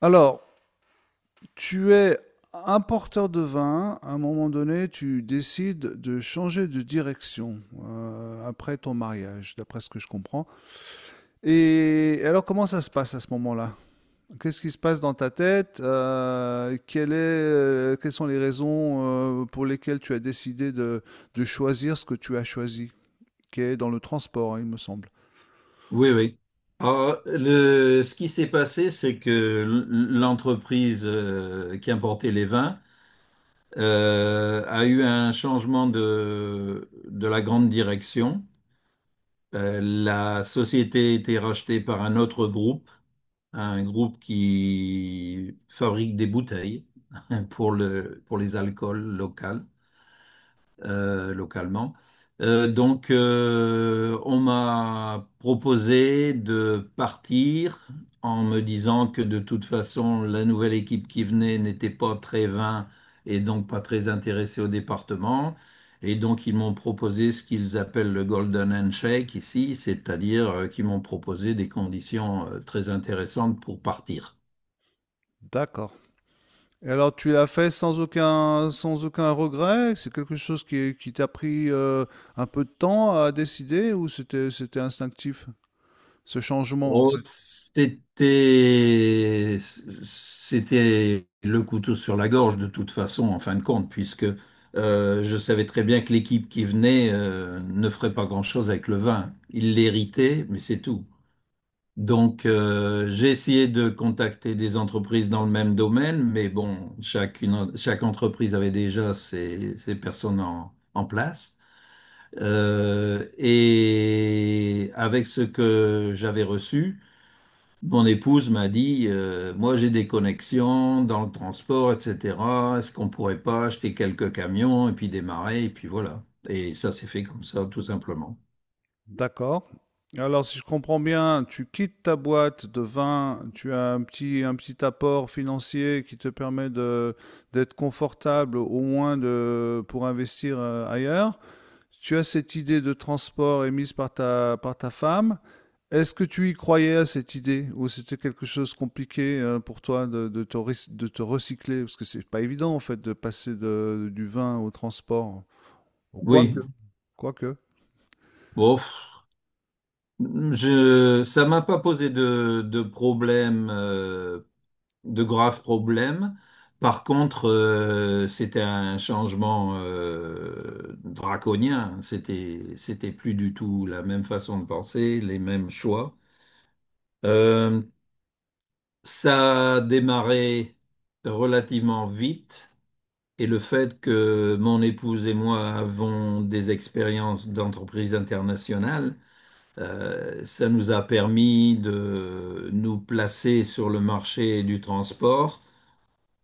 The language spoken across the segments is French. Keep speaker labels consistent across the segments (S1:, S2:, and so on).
S1: Alors, tu es importeur de vin, à un moment donné, tu décides de changer de direction après ton mariage, d'après ce que je comprends. Et alors, comment ça se passe à ce moment-là? Qu'est-ce qui se passe dans ta tête? Quelle quelles sont les raisons pour lesquelles tu as décidé de choisir ce que tu as choisi, qui est dans le transport, hein, il me semble.
S2: Oui, oui. Alors, ce qui s'est passé, c'est que l'entreprise qui importait les vins a eu un changement de la grande direction. La société a été rachetée par un autre groupe, un groupe qui fabrique des bouteilles pour les alcools locaux localement. Donc, on m'a proposé de partir en me disant que de toute façon, la nouvelle équipe qui venait n'était pas très vain et donc pas très intéressée au département. Et donc, ils m'ont proposé ce qu'ils appellent le Golden Handshake ici, c'est-à-dire qu'ils m'ont proposé des conditions très intéressantes pour partir.
S1: D'accord. Et alors, tu l'as fait sans aucun, sans aucun regret? C'est quelque chose qui t'a pris un peu de temps à décider ou c'était instinctif, ce changement en
S2: Oh,
S1: fait?
S2: c'était, c'était le couteau sur la gorge de toute façon, en fin de compte, puisque je savais très bien que l'équipe qui venait ne ferait pas grand-chose avec le vin. Ils l'héritaient mais c'est tout. Donc, j'ai essayé de contacter des entreprises dans le même domaine, mais bon, chaque entreprise avait déjà ses, ses personnes en place. Et avec ce que j'avais reçu, mon épouse m'a dit, moi j'ai des connexions dans le transport, etc. Est-ce qu'on pourrait pas acheter quelques camions et puis démarrer, et puis voilà. Et ça s'est fait comme ça, tout simplement.
S1: D'accord. Alors, si je comprends bien, tu quittes ta boîte de vin, tu as un petit apport financier qui te permet d'être confortable au moins de, pour investir ailleurs. Tu as cette idée de transport émise par ta femme. Est-ce que tu y croyais à cette idée ou c'était quelque chose de compliqué pour toi de, de te recycler? Parce que c'est pas évident en fait de passer du vin au transport. Bon, quoique,
S2: Oui,
S1: mhm, quoique.
S2: bon, pff, ça m'a pas posé de problème, de graves problèmes. Par contre, c'était un changement draconien. C'était plus du tout la même façon de penser, les mêmes choix. Euh, Ça a démarré relativement vite, et le fait que mon épouse et moi avons des expériences d'entreprise internationale, ça nous a permis de nous placer sur le marché du transport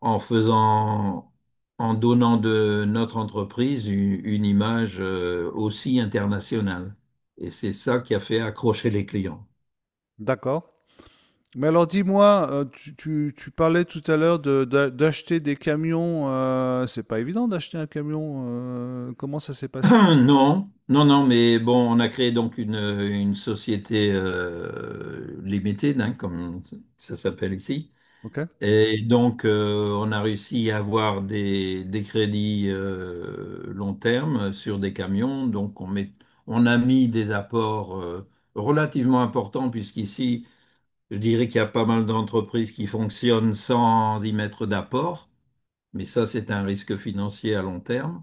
S2: en faisant, en donnant de notre entreprise une image, aussi internationale. Et c'est ça qui a fait accrocher les clients.
S1: D'accord. Mais alors dis-moi, tu parlais tout à l'heure d'acheter des camions. C'est pas évident d'acheter un camion. Comment ça s'est passé?
S2: Non, non, non, mais bon, on a créé donc une société limitée, hein, comme ça s'appelle ici.
S1: Ok,
S2: Et donc, on a réussi à avoir des crédits long terme sur des camions. Donc, on a mis des apports relativement importants, puisqu'ici, je dirais qu'il y a pas mal d'entreprises qui fonctionnent sans y mettre d'apport. Mais ça, c'est un risque financier à long terme.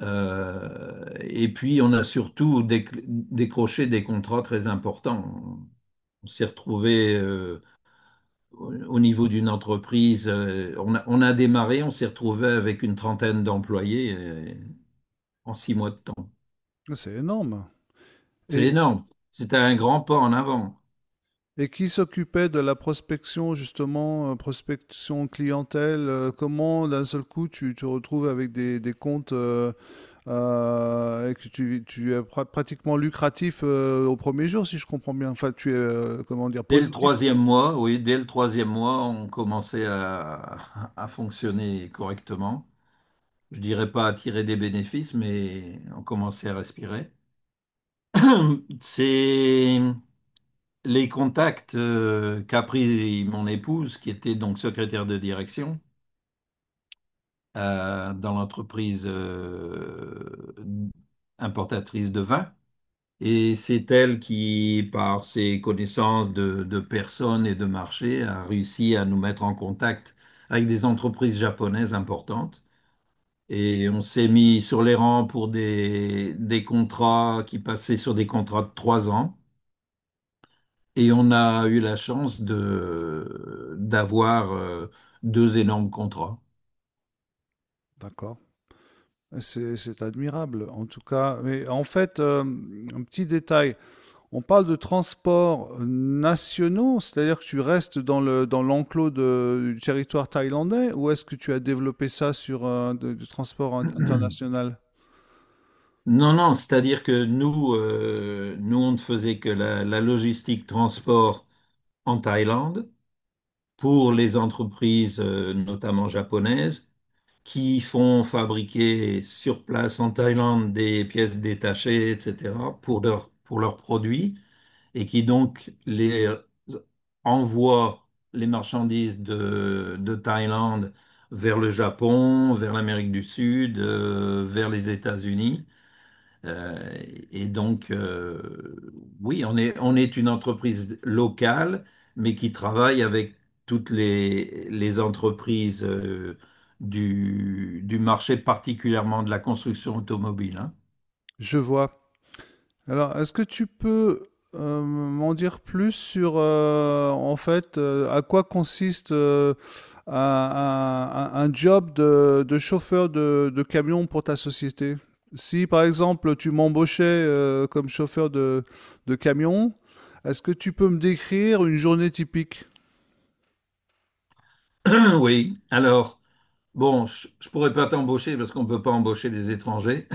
S2: Euh, et puis, on a surtout décroché des contrats très importants. On s'est retrouvé au niveau d'une entreprise, euh, on a démarré, on s'est retrouvé avec une trentaine d'employés en 6 mois de temps.
S1: c'est énorme.
S2: C'est
S1: Et,
S2: énorme. C'était un grand pas en avant.
S1: Et qui s'occupait de la prospection, justement, prospection clientèle? Comment d'un seul coup tu te retrouves avec des comptes et que pratiquement lucratif au premier jour, si je comprends bien. Enfin, tu es, comment dire,
S2: Dès le
S1: positif.
S2: troisième mois, oui, dès le troisième mois, on commençait à fonctionner correctement. Je dirais pas à tirer des bénéfices, mais on commençait à respirer. C'est les contacts qu'a pris mon épouse, qui était donc secrétaire de direction dans l'entreprise importatrice de vin. Et c'est elle qui, par ses connaissances de personnes et de marché, a réussi à nous mettre en contact avec des entreprises japonaises importantes. Et on s'est mis sur les rangs pour des contrats qui passaient sur des contrats de 3 ans. Et on a eu la chance de d'avoir deux énormes contrats.
S1: D'accord. C'est admirable, en tout cas. Mais en fait, un petit détail. On parle de transports nationaux, c'est-à-dire que tu restes dans le dans l'enclos du territoire thaïlandais, ou est-ce que tu as développé ça sur du transport international?
S2: Non, non, c'est-à-dire que nous, on ne faisait que la logistique transport en Thaïlande pour les entreprises, notamment japonaises, qui font fabriquer sur place en Thaïlande des pièces détachées, etc., pour leurs produits, et qui donc les envoie les marchandises de Thaïlande vers le Japon, vers l'Amérique du Sud, vers les États-Unis. Euh, et donc, oui, on est une entreprise locale, mais qui travaille avec toutes les entreprises du marché, particulièrement de la construction automobile, hein.
S1: Je vois. Alors, est-ce que tu peux m'en dire plus sur, à quoi consiste un, un job de chauffeur de camion pour ta société? Si, par exemple, tu m'embauchais comme chauffeur de camion, est-ce que tu peux me décrire une journée typique?
S2: Oui, alors. Bon, je pourrais pas t'embaucher parce qu'on peut pas embaucher des étrangers.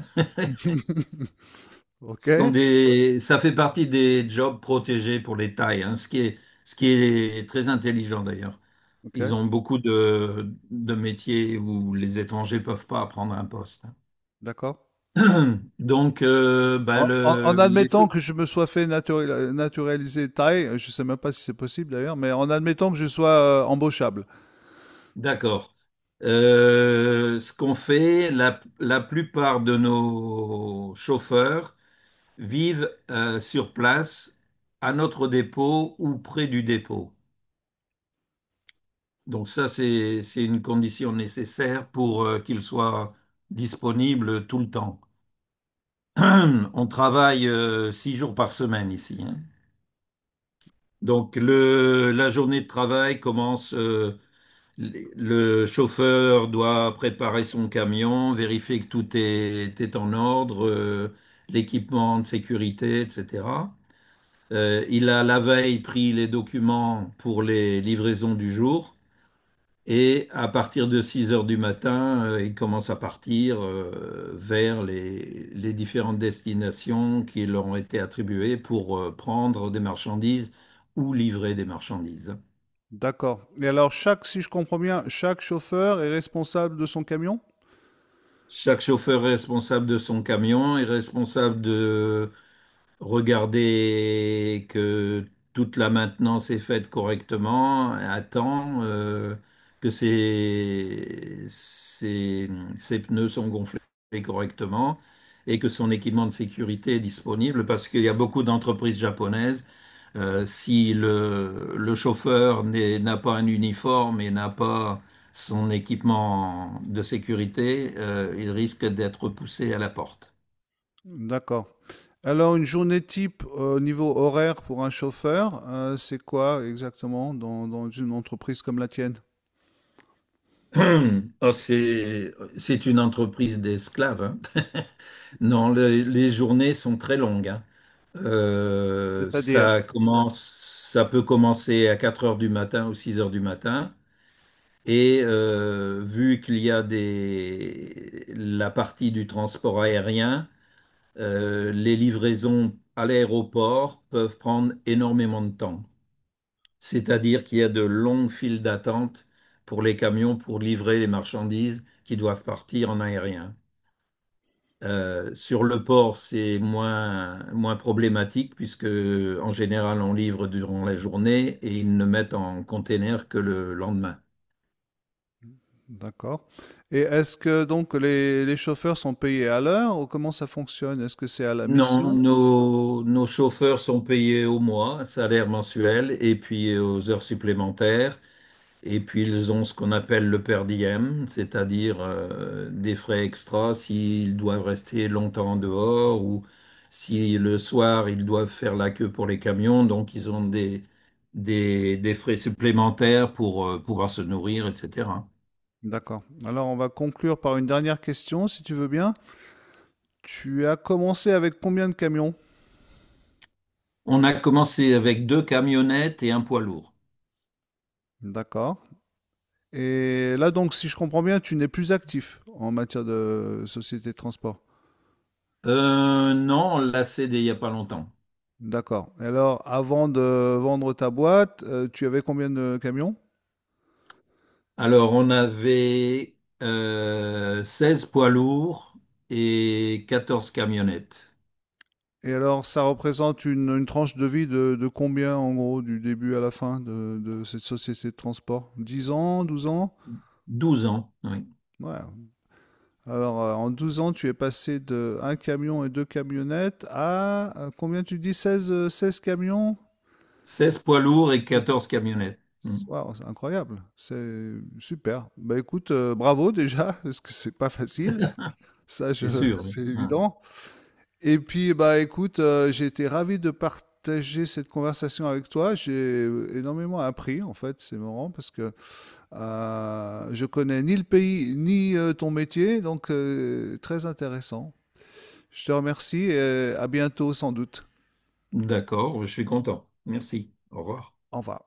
S1: Ok,
S2: Ce sont des, ça fait partie des jobs protégés pour les Thaïs, hein, ce qui est très intelligent d'ailleurs.
S1: ok,
S2: Ils ont beaucoup de métiers où les étrangers peuvent pas prendre un poste.
S1: d'accord.
S2: Donc, bah,
S1: En, en admettant que je me sois fait naturaliser thaï, je ne sais même pas si c'est possible d'ailleurs, mais en admettant que je sois embauchable.
S2: d'accord. Ce qu'on fait, la plupart de nos chauffeurs vivent sur place à notre dépôt ou près du dépôt. Donc ça, c'est une condition nécessaire pour qu'ils soient disponibles tout le temps. On travaille 6 jours par semaine ici, hein. Donc, la journée de travail commence, le chauffeur doit préparer son camion, vérifier que tout est en ordre, l'équipement de sécurité, etc. Il a la veille pris les documents pour les livraisons du jour et à partir de 6 heures du matin, il commence à partir vers les différentes destinations qui leur ont été attribuées pour prendre des marchandises ou livrer des marchandises.
S1: D'accord. Et alors, chaque, si je comprends bien, chaque chauffeur est responsable de son camion?
S2: Chaque chauffeur responsable de son camion est responsable de regarder que toute la maintenance est faite correctement à temps, que ses pneus sont gonflés correctement et que son équipement de sécurité est disponible parce qu'il y a beaucoup d'entreprises japonaises. Euh, si le chauffeur n'a pas un uniforme et n'a pas son équipement de sécurité, il risque d'être poussé à la porte.
S1: D'accord. Alors, une journée type au niveau horaire pour un chauffeur, c'est quoi exactement dans, dans une entreprise comme la tienne?
S2: Oh, c'est une entreprise d'esclaves, hein. Non, les journées sont très longues, hein. Euh, ça commence, ça peut commencer à 4 heures du matin ou 6 heures du matin. Et vu qu'il y a des, la partie du transport aérien, les livraisons à l'aéroport peuvent prendre énormément de temps. C'est-à-dire qu'il y a de longues files d'attente pour les camions pour livrer les marchandises qui doivent partir en aérien. Sur le port, c'est moins problématique puisque en général on livre durant la journée et ils ne mettent en container que le lendemain.
S1: D'accord. Et est-ce que donc les chauffeurs sont payés à l'heure ou comment ça fonctionne? Est-ce que c'est à la
S2: Non,
S1: mission?
S2: nos chauffeurs sont payés au mois, salaire mensuel et puis aux heures supplémentaires. Et puis ils ont ce qu'on appelle le per diem, c'est-à-dire des frais extras s'ils doivent rester longtemps en dehors ou si le soir ils doivent faire la queue pour les camions, donc ils ont des frais supplémentaires pour pouvoir se nourrir, etc.
S1: D'accord. Alors, on va conclure par une dernière question, si tu veux bien. Tu as commencé avec combien de camions?
S2: On a commencé avec deux camionnettes et un poids lourd.
S1: D'accord. Et là, donc, si je comprends bien, tu n'es plus actif en matière de société de transport.
S2: Non, on l'a cédé il n'y a pas longtemps.
S1: D'accord. Et alors, avant de vendre ta boîte, tu avais combien de camions?
S2: Alors on avait 16 poids lourds et 14 camionnettes.
S1: Et alors, ça représente une tranche de vie de combien, en gros, du début à la fin de cette société de transport? 10 ans, 12 ans?
S2: 12 ans, oui.
S1: Ouais, alors, en 12 ans, tu es passé de un camion et deux camionnettes à combien tu dis 16, 16 camions?
S2: Seize poids lourds et
S1: 16.
S2: 14 camionnettes. Hmm.
S1: Waouh, c'est incroyable, c'est super. Bah écoute, bravo déjà, parce que c'est pas facile, ça je,
S2: C'est sûr, oui.
S1: c'est
S2: Hmm.
S1: évident. Et puis bah écoute, j'ai été ravi de partager cette conversation avec toi. J'ai énormément appris en fait, c'est marrant parce que je connais ni le pays ni ton métier, donc très intéressant. Je te remercie et à bientôt sans doute.
S2: D'accord, je suis content. Merci. Au revoir.
S1: Au revoir.